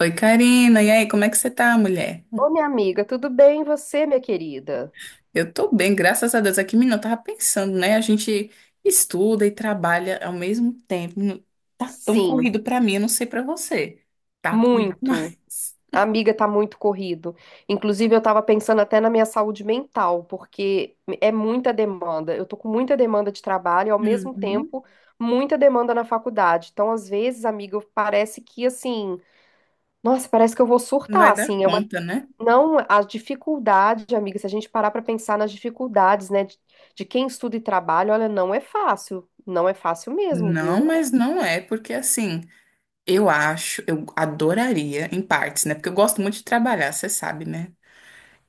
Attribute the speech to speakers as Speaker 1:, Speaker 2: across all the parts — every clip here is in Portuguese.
Speaker 1: Oi, Karina. E aí, como é que você tá, mulher?
Speaker 2: Ô, minha amiga, tudo bem e você, minha querida?
Speaker 1: Eu tô bem, graças a Deus. Aqui, menina, eu tava pensando, né? A gente estuda e trabalha ao mesmo tempo. Tá tão
Speaker 2: Sim,
Speaker 1: corrido pra mim, eu não sei pra você. Tá corrido
Speaker 2: muito.
Speaker 1: demais.
Speaker 2: A amiga tá muito corrido. Inclusive, eu tava pensando até na minha saúde mental, porque é muita demanda. Eu tô com muita demanda de trabalho e, ao mesmo
Speaker 1: Uhum.
Speaker 2: tempo, muita demanda na faculdade. Então, às vezes, amiga, parece que assim, nossa, parece que eu vou
Speaker 1: Não
Speaker 2: surtar,
Speaker 1: vai dar
Speaker 2: assim.
Speaker 1: conta, né?
Speaker 2: Não, a dificuldade, amiga, se a gente parar pra pensar nas dificuldades, né, de quem estuda e trabalha, olha, não é fácil. Não é fácil mesmo,
Speaker 1: Não,
Speaker 2: viu?
Speaker 1: mas não é, porque assim, eu acho, eu adoraria, em partes, né? Porque eu gosto muito de trabalhar, você sabe, né?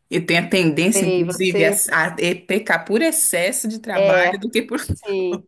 Speaker 1: Eu tenho a tendência,
Speaker 2: Sei,
Speaker 1: inclusive, a,
Speaker 2: você.
Speaker 1: a pecar por excesso de trabalho
Speaker 2: É,
Speaker 1: do que por.
Speaker 2: sim.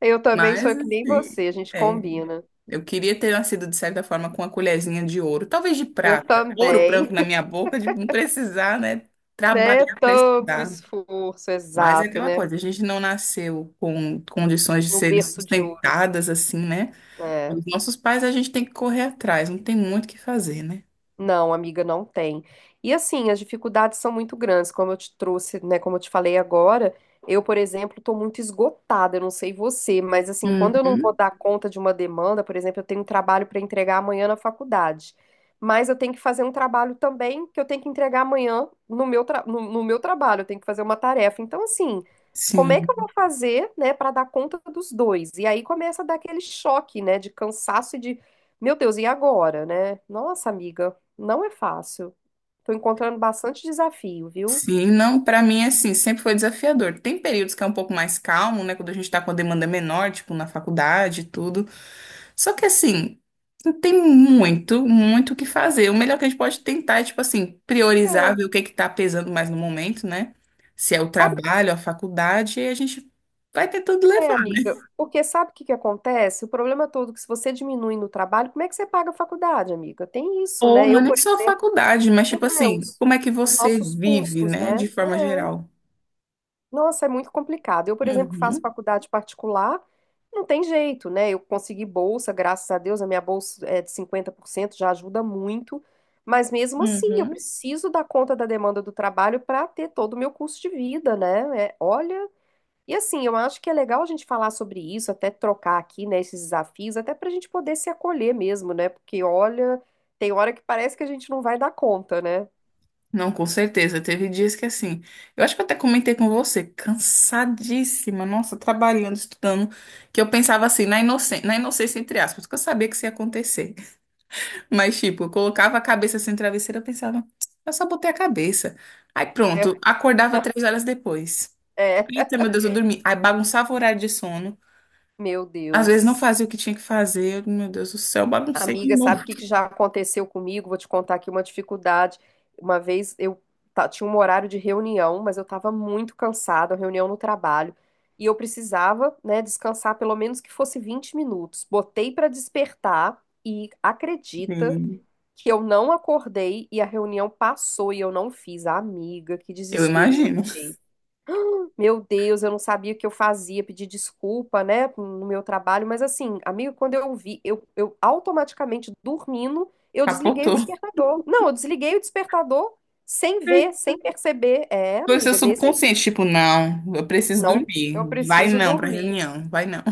Speaker 2: Eu também sou
Speaker 1: Mas,
Speaker 2: que nem
Speaker 1: assim,
Speaker 2: você, a gente
Speaker 1: é,
Speaker 2: combina.
Speaker 1: eu queria ter nascido, de certa forma, com uma colherzinha de ouro, talvez de
Speaker 2: Eu
Speaker 1: prata, ouro branco
Speaker 2: também,
Speaker 1: na minha boca, de não precisar, né,
Speaker 2: né?
Speaker 1: trabalhar para
Speaker 2: Tanto
Speaker 1: estudar.
Speaker 2: esforço,
Speaker 1: Mas é
Speaker 2: exato,
Speaker 1: aquela
Speaker 2: né?
Speaker 1: coisa, a gente não nasceu com condições de
Speaker 2: No
Speaker 1: serem
Speaker 2: berço de ouro.
Speaker 1: sustentadas, assim, né?
Speaker 2: É.
Speaker 1: Os nossos pais, a gente tem que correr atrás, não tem muito o que fazer, né?
Speaker 2: Não, amiga, não tem. E assim, as dificuldades são muito grandes, como eu te trouxe, né? Como eu te falei agora, eu, por exemplo, estou muito esgotada, eu não sei você, mas assim, quando eu não vou
Speaker 1: Uhum,
Speaker 2: dar conta de uma demanda, por exemplo, eu tenho um trabalho para entregar amanhã na faculdade, mas eu tenho que fazer um trabalho também que eu tenho que entregar amanhã no meu, no, no meu trabalho, eu tenho que fazer uma tarefa. Então, assim, como é que eu vou
Speaker 1: sim.
Speaker 2: fazer, né, para dar conta dos dois? E aí começa a dar aquele choque, né, de cansaço e de, meu Deus, e agora, né? Nossa, amiga. Não é fácil. Tô encontrando bastante desafio, viu?
Speaker 1: Sim, não, pra mim, assim, sempre foi desafiador. Tem períodos que é um pouco mais calmo, né? Quando a gente tá com a demanda menor, tipo, na faculdade e tudo. Só que assim, tem muito, muito o que fazer. O melhor que a gente pode tentar é, tipo assim, priorizar,
Speaker 2: É.
Speaker 1: ver o que que tá pesando mais no momento, né? Se é o
Speaker 2: Sabe o
Speaker 1: trabalho, a faculdade, e a gente vai tentando
Speaker 2: que é,
Speaker 1: levar.
Speaker 2: amiga? Porque sabe o que que acontece? O problema todo é que se você diminui no trabalho, como é que você paga a faculdade, amiga? Tem isso,
Speaker 1: Ou
Speaker 2: né?
Speaker 1: não é
Speaker 2: Eu,
Speaker 1: nem
Speaker 2: por
Speaker 1: só a
Speaker 2: exemplo,
Speaker 1: faculdade, mas
Speaker 2: meu
Speaker 1: tipo assim,
Speaker 2: Deus,
Speaker 1: como é que
Speaker 2: os
Speaker 1: você
Speaker 2: nossos
Speaker 1: vive,
Speaker 2: custos,
Speaker 1: né?
Speaker 2: né?
Speaker 1: De forma geral.
Speaker 2: Nossa, é muito complicado. Eu, por exemplo, que faço
Speaker 1: Uhum,
Speaker 2: faculdade particular, não tem jeito, né? Eu consegui bolsa, graças a Deus, a minha bolsa é de 50%, já ajuda muito. Mas mesmo assim, eu
Speaker 1: uhum.
Speaker 2: preciso dar conta da demanda do trabalho para ter todo o meu custo de vida, né? É, olha, e assim, eu acho que é legal a gente falar sobre isso, até trocar aqui, né, esses desafios, até para a gente poder se acolher mesmo, né? Porque olha, tem hora que parece que a gente não vai dar conta, né?
Speaker 1: Não, com certeza. Teve dias que assim, eu acho que eu até comentei com você, cansadíssima, nossa, trabalhando, estudando, que eu pensava assim, na inocência entre aspas, que eu sabia que isso ia acontecer. Mas tipo, eu colocava a cabeça assim no travesseiro, eu pensava, eu só botei a cabeça. Aí pronto, acordava três horas depois.
Speaker 2: É,
Speaker 1: Eita, meu Deus, eu dormi. Aí bagunçava o horário de sono.
Speaker 2: meu
Speaker 1: Às vezes não
Speaker 2: Deus.
Speaker 1: fazia o que tinha que fazer. Eu, meu Deus do céu, baguncei de
Speaker 2: Amiga,
Speaker 1: novo.
Speaker 2: sabe o que que já aconteceu comigo? Vou te contar aqui uma dificuldade. Uma vez eu tinha um horário de reunião, mas eu estava muito cansada, reunião no trabalho, e eu precisava, né, descansar pelo menos que fosse 20 minutos. Botei para despertar e acredita
Speaker 1: Sim,
Speaker 2: que eu não acordei e a reunião passou e eu não fiz. Amiga, que
Speaker 1: eu
Speaker 2: desespero que eu
Speaker 1: imagino.
Speaker 2: fiquei. Meu Deus, eu não sabia o que eu fazia, pedi desculpa, né, no meu trabalho, mas assim, amigo, quando eu vi, eu automaticamente dormindo, eu desliguei o
Speaker 1: Capotou.
Speaker 2: despertador. Não, eu desliguei o despertador sem ver, sem perceber. É,
Speaker 1: Foi o seu
Speaker 2: amiga, desse.
Speaker 1: subconsciente, tipo, não, eu preciso
Speaker 2: Não,
Speaker 1: dormir.
Speaker 2: eu
Speaker 1: Vai
Speaker 2: preciso
Speaker 1: não pra
Speaker 2: dormir.
Speaker 1: reunião, vai não.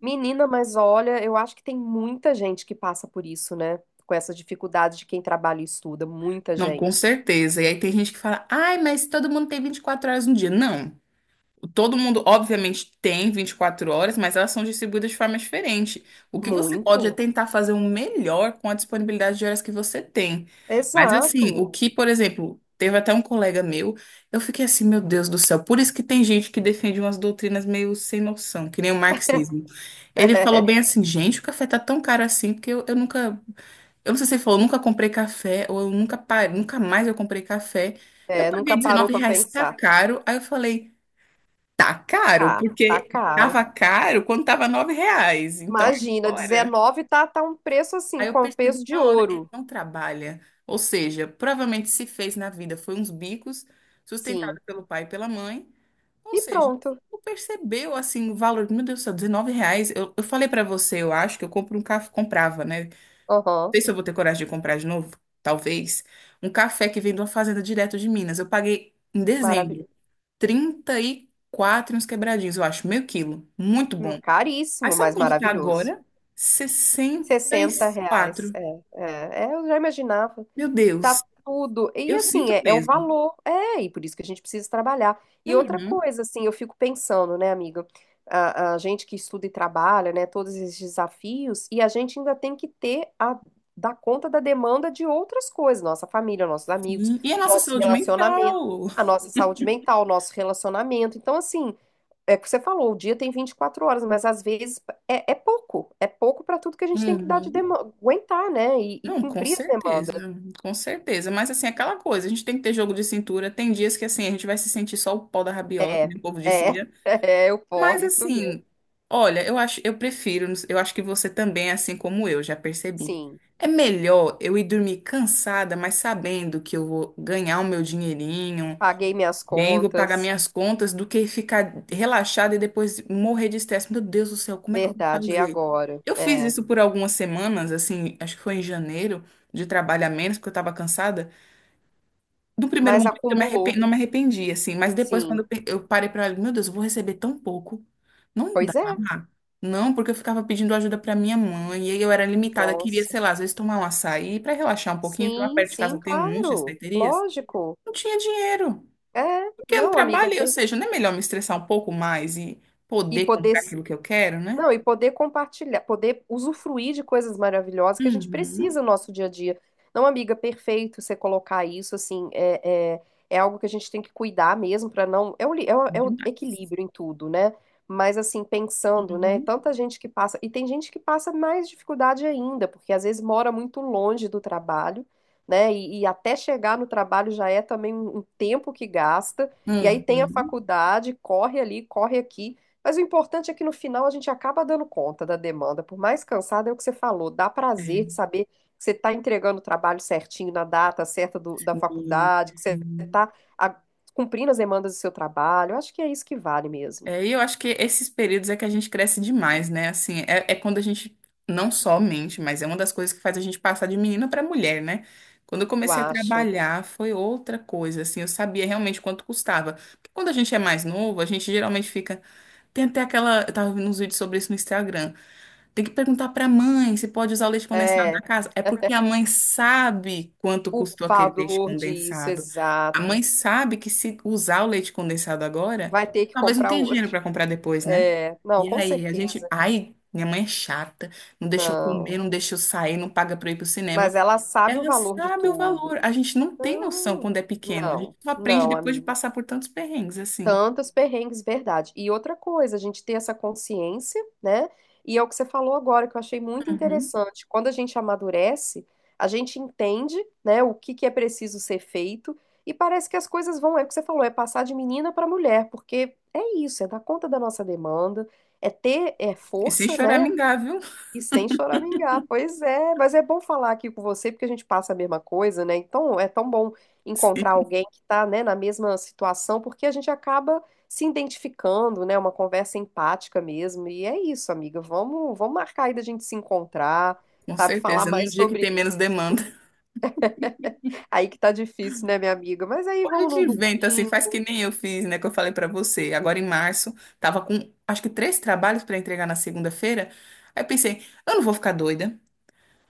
Speaker 2: Menina, mas olha, eu acho que tem muita gente que passa por isso, né? Com essa dificuldade de quem trabalha e estuda, muita
Speaker 1: Não, com
Speaker 2: gente.
Speaker 1: certeza. E aí tem gente que fala, ai, mas todo mundo tem 24 horas no dia. Não. Todo mundo, obviamente, tem 24 horas, mas elas são distribuídas de forma diferente. O que você pode é
Speaker 2: Muito.
Speaker 1: tentar fazer o melhor com a disponibilidade de horas que você tem. Mas, assim, o
Speaker 2: Exato.
Speaker 1: que, por exemplo, teve até um colega meu, eu fiquei assim, meu Deus do céu, por isso que tem gente que defende umas doutrinas meio sem noção, que nem o marxismo. Ele falou bem assim, gente, o café tá tão caro assim, porque eu nunca. Eu não sei se ele falou, nunca comprei café, ou eu nunca parei, nunca mais eu comprei café. Eu
Speaker 2: É,
Speaker 1: paguei
Speaker 2: nunca parou
Speaker 1: 19
Speaker 2: para
Speaker 1: reais, tá
Speaker 2: pensar.
Speaker 1: caro. Aí eu falei. Tá caro,
Speaker 2: Tá,
Speaker 1: porque
Speaker 2: caro.
Speaker 1: tava caro quando tava R$ 9. Então
Speaker 2: Imagina,
Speaker 1: agora.
Speaker 2: 19 tá, tá um preço assim,
Speaker 1: Aí eu
Speaker 2: com
Speaker 1: percebi
Speaker 2: peso de
Speaker 1: na hora, ele
Speaker 2: ouro.
Speaker 1: não trabalha. Ou seja, provavelmente se fez na vida foi uns bicos,
Speaker 2: Sim.
Speaker 1: sustentado pelo pai e pela mãe. Ou
Speaker 2: E
Speaker 1: seja,
Speaker 2: pronto.
Speaker 1: não percebeu assim o valor. Meu Deus do céu, R$ 19. Eu falei pra você, eu acho que eu compro um café, comprava, né? Não
Speaker 2: Aham.
Speaker 1: sei se eu vou ter coragem de comprar de novo, talvez. Um café que vem de uma fazenda direto de Minas. Eu paguei em dezembro
Speaker 2: Maravilhoso.
Speaker 1: 34 e uns quebradinhos, eu acho. Meio quilo. Muito bom. Aí
Speaker 2: Caríssimo,
Speaker 1: sabe
Speaker 2: mas
Speaker 1: quanto tá
Speaker 2: maravilhoso.
Speaker 1: agora? sessenta e
Speaker 2: 60 reais.
Speaker 1: quatro
Speaker 2: É, eu já imaginava.
Speaker 1: Meu
Speaker 2: Tá
Speaker 1: Deus,
Speaker 2: tudo. E
Speaker 1: eu
Speaker 2: assim,
Speaker 1: sinto
Speaker 2: é o
Speaker 1: peso.
Speaker 2: valor. É, e por isso que a gente precisa trabalhar. E outra
Speaker 1: Uhum.
Speaker 2: coisa, assim, eu fico pensando, né, amiga? A gente que estuda e trabalha, né, todos esses desafios, e a gente ainda tem que ter a dar conta da demanda de outras coisas, nossa família, nossos amigos,
Speaker 1: Sim. E a nossa
Speaker 2: nosso
Speaker 1: saúde
Speaker 2: relacionamento,
Speaker 1: mental?
Speaker 2: a nossa saúde mental, nosso relacionamento. Então, assim, é o que você falou, o dia tem 24 horas, mas às vezes é pouco, é pouco para tudo que a gente tem que dar de
Speaker 1: Uhum.
Speaker 2: demanda, aguentar, né, e
Speaker 1: Não, com
Speaker 2: cumprir as
Speaker 1: certeza,
Speaker 2: demandas.
Speaker 1: com certeza. Mas assim, aquela coisa, a gente tem que ter jogo de cintura. Tem dias que assim, a gente vai se sentir só o pau da rabiola, que
Speaker 2: É,
Speaker 1: nem o povo
Speaker 2: é,
Speaker 1: dizia.
Speaker 2: é o
Speaker 1: Mas
Speaker 2: porre, isso mesmo.
Speaker 1: assim, olha, eu acho, eu prefiro, eu acho que você também, é assim como eu, já percebi.
Speaker 2: Sim,
Speaker 1: É melhor eu ir dormir cansada, mas sabendo que eu vou ganhar o meu dinheirinho,
Speaker 2: paguei minhas
Speaker 1: bem, vou pagar
Speaker 2: contas,
Speaker 1: minhas contas, do que ficar relaxada e depois morrer de estresse. Meu Deus do céu, como é que eu vou
Speaker 2: verdade, e
Speaker 1: fazer?
Speaker 2: agora?
Speaker 1: Eu fiz
Speaker 2: É,
Speaker 1: isso por algumas semanas, assim, acho que foi em janeiro, de trabalho a menos, porque eu estava cansada. Do primeiro
Speaker 2: mas
Speaker 1: momento
Speaker 2: acumulou,
Speaker 1: não me arrependi, assim, mas depois quando
Speaker 2: sim.
Speaker 1: eu parei pra olhar, meu Deus, eu vou receber tão pouco. Não dá.
Speaker 2: Pois é,
Speaker 1: Não, porque eu ficava pedindo ajuda pra minha mãe, e aí eu era limitada, queria,
Speaker 2: nossa.
Speaker 1: sei lá, às vezes tomar um açaí pra relaxar um pouquinho, porque lá
Speaker 2: Sim,
Speaker 1: perto de
Speaker 2: sim,
Speaker 1: casa tem um monte de
Speaker 2: claro,
Speaker 1: açaiterias.
Speaker 2: lógico.
Speaker 1: Não tinha dinheiro.
Speaker 2: É,
Speaker 1: Porque eu não
Speaker 2: não, amiga, é
Speaker 1: trabalhei, ou
Speaker 2: des-
Speaker 1: seja, não é melhor me estressar um pouco mais e
Speaker 2: e
Speaker 1: poder
Speaker 2: poder.
Speaker 1: comprar aquilo que eu quero, né?
Speaker 2: Não, e poder compartilhar, poder usufruir de coisas maravilhosas que a gente
Speaker 1: Uhum.
Speaker 2: precisa no nosso dia a dia. Não, amiga, perfeito você colocar isso, assim, é algo que a gente tem que cuidar mesmo para não. É o, é o
Speaker 1: Demais.
Speaker 2: equilíbrio em tudo, né? Mas, assim, pensando, né?
Speaker 1: Uhum.
Speaker 2: Tanta gente que passa. E tem gente que passa mais dificuldade ainda, porque às vezes mora muito longe do trabalho, né? E até chegar no trabalho já é também um um tempo que gasta. E aí tem a
Speaker 1: Uhum.
Speaker 2: faculdade, corre ali, corre aqui. Mas o importante é que no final a gente acaba dando conta da demanda, por mais cansada é o que você falou, dá prazer de
Speaker 1: É.
Speaker 2: saber que você está entregando o trabalho certinho na data certa da
Speaker 1: Sim,
Speaker 2: faculdade, que você
Speaker 1: sim.
Speaker 2: está cumprindo as demandas do seu trabalho. Eu acho que é isso que vale mesmo.
Speaker 1: É, e eu acho que esses períodos é que a gente cresce demais, né? Assim, é, é quando a gente não só mente, mas é uma das coisas que faz a gente passar de menina para mulher, né? Quando eu
Speaker 2: Eu
Speaker 1: comecei a
Speaker 2: acho.
Speaker 1: trabalhar, foi outra coisa, assim, eu sabia realmente quanto custava. Porque quando a gente é mais novo, a gente geralmente fica. Tem até aquela. Eu tava vendo uns vídeos sobre isso no Instagram. Tem que perguntar para a mãe se pode usar o leite condensado
Speaker 2: É,
Speaker 1: da casa. É porque a mãe sabe quanto
Speaker 2: o
Speaker 1: custou aquele leite
Speaker 2: valor disso,
Speaker 1: condensado. A
Speaker 2: exato.
Speaker 1: mãe sabe que se usar o leite condensado agora,
Speaker 2: Vai ter que
Speaker 1: talvez não
Speaker 2: comprar
Speaker 1: tenha dinheiro
Speaker 2: outro.
Speaker 1: para comprar depois, né?
Speaker 2: É, não,
Speaker 1: E
Speaker 2: com
Speaker 1: aí, a gente.
Speaker 2: certeza.
Speaker 1: Ai, minha mãe é chata, não deixa eu
Speaker 2: Não.
Speaker 1: comer, não deixa eu sair, não paga para eu ir pro cinema.
Speaker 2: Mas ela sabe o
Speaker 1: Ela
Speaker 2: valor de
Speaker 1: sabe o
Speaker 2: tudo.
Speaker 1: valor. A gente não tem noção
Speaker 2: Não,
Speaker 1: quando é pequeno. A gente
Speaker 2: não,
Speaker 1: só aprende
Speaker 2: não,
Speaker 1: depois de
Speaker 2: amiga.
Speaker 1: passar por tantos perrengues assim.
Speaker 2: Tantos perrengues, verdade. E outra coisa, a gente ter essa consciência, né? E é o que você falou agora, que eu achei muito
Speaker 1: Uhum.
Speaker 2: interessante. Quando a gente amadurece, a gente entende, né, o que que é preciso ser feito, e parece que as coisas vão, é o que você falou, é passar de menina para mulher, porque é isso, é dar conta da nossa demanda, é ter
Speaker 1: E sem
Speaker 2: força, né?
Speaker 1: choramingar, viu?
Speaker 2: E sem choramingar, pois é, mas é bom falar aqui com você, porque a gente passa a mesma coisa, né? Então é tão bom encontrar
Speaker 1: Sim,
Speaker 2: alguém que tá, né, na mesma situação, porque a gente acaba se identificando, né? Uma conversa empática mesmo. E é isso, amiga. Vamos marcar aí da gente se encontrar,
Speaker 1: com
Speaker 2: sabe? Falar
Speaker 1: certeza. Num
Speaker 2: mais
Speaker 1: dia que
Speaker 2: sobre
Speaker 1: tem menos
Speaker 2: isso.
Speaker 1: demanda.
Speaker 2: Aí que tá difícil, né, minha amiga? Mas aí
Speaker 1: A
Speaker 2: vamos
Speaker 1: gente
Speaker 2: num
Speaker 1: inventa assim, faz
Speaker 2: domingo,
Speaker 1: que nem eu fiz, né? Que eu falei pra você. Agora em março, tava com acho que três trabalhos pra entregar na segunda-feira. Aí eu pensei, eu não vou ficar doida,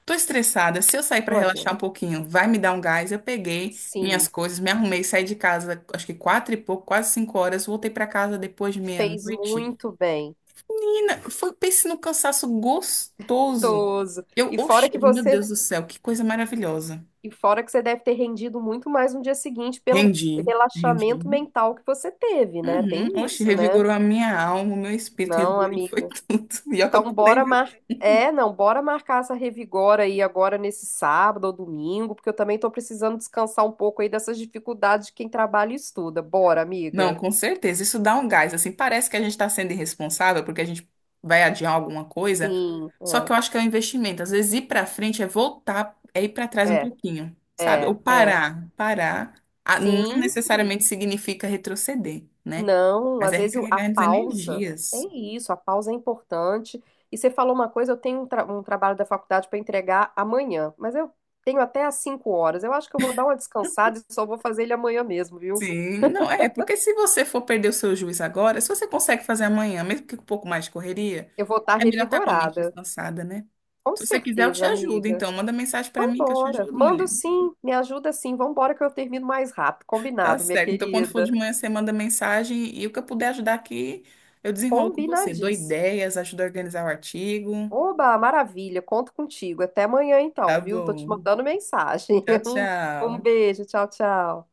Speaker 1: tô estressada. Se eu sair pra
Speaker 2: não
Speaker 1: relaxar um
Speaker 2: adianta.
Speaker 1: pouquinho, vai me dar um gás. Eu peguei minhas
Speaker 2: Sim,
Speaker 1: coisas, me arrumei, saí de casa, acho que quatro e pouco, quase 5 horas. Voltei pra casa depois de
Speaker 2: fez
Speaker 1: meia-noite.
Speaker 2: muito bem.
Speaker 1: Menina, foi, pense num cansaço gostoso.
Speaker 2: Toso.
Speaker 1: Eu, oxe, meu Deus do céu, que coisa maravilhosa.
Speaker 2: E fora que você deve ter rendido muito mais no dia seguinte pelo
Speaker 1: Rendi,
Speaker 2: relaxamento
Speaker 1: rendi.
Speaker 2: mental que você teve, né?
Speaker 1: Uhum.
Speaker 2: Tem
Speaker 1: Oxe,
Speaker 2: isso, né?
Speaker 1: revigorou a minha alma, o meu espírito
Speaker 2: Não,
Speaker 1: revigorou, foi
Speaker 2: amiga.
Speaker 1: tudo. E olha que eu
Speaker 2: Então,
Speaker 1: pulei,
Speaker 2: bora
Speaker 1: viu?
Speaker 2: mar... É, não, bora marcar essa revigora aí agora nesse sábado ou domingo, porque eu também tô precisando descansar um pouco aí dessas dificuldades de quem trabalha e estuda. Bora,
Speaker 1: Não,
Speaker 2: amiga.
Speaker 1: com certeza. Isso dá um gás, assim. Parece que a gente está sendo irresponsável porque a gente vai adiar alguma coisa.
Speaker 2: Sim.
Speaker 1: Só que eu acho que é um investimento. Às vezes ir para frente é voltar, é ir para trás um
Speaker 2: É,
Speaker 1: pouquinho, sabe? Ou
Speaker 2: é.
Speaker 1: parar. Parar ah, não
Speaker 2: Sim,
Speaker 1: necessariamente significa retroceder, né?
Speaker 2: não,
Speaker 1: Mas
Speaker 2: às
Speaker 1: é
Speaker 2: vezes a
Speaker 1: recarregar as
Speaker 2: pausa, é
Speaker 1: energias.
Speaker 2: isso, a pausa é importante. E você falou uma coisa, eu tenho um trabalho da faculdade para entregar amanhã, mas eu tenho até às 5 horas. Eu acho que eu vou dar uma descansada e só vou fazer ele amanhã mesmo, viu?
Speaker 1: Sim, não é, porque se você for perder o seu juiz agora, se você consegue fazer amanhã, mesmo que com um pouco mais de correria,
Speaker 2: Eu vou estar
Speaker 1: é melhor estar com a mente
Speaker 2: revigorada.
Speaker 1: descansada, né?
Speaker 2: Com
Speaker 1: Se você quiser, eu te
Speaker 2: certeza,
Speaker 1: ajudo.
Speaker 2: amiga.
Speaker 1: Então, manda mensagem para
Speaker 2: Então,
Speaker 1: mim que eu te
Speaker 2: bora.
Speaker 1: ajudo,
Speaker 2: Mando
Speaker 1: mulher.
Speaker 2: sim, me ajuda sim. Vambora que eu termino mais rápido.
Speaker 1: Tá
Speaker 2: Combinado, minha
Speaker 1: certo. Então, quando for de
Speaker 2: querida.
Speaker 1: manhã, você manda mensagem e o que eu puder ajudar aqui, eu desenrolo com você. Dou
Speaker 2: Combinadíssimo.
Speaker 1: ideias, ajudo a organizar o artigo.
Speaker 2: Oba, maravilha, conto contigo. Até amanhã então,
Speaker 1: Tá
Speaker 2: viu? Tô te
Speaker 1: bom.
Speaker 2: mandando mensagem.
Speaker 1: Tchau,
Speaker 2: Um
Speaker 1: tchau.
Speaker 2: beijo, tchau, tchau.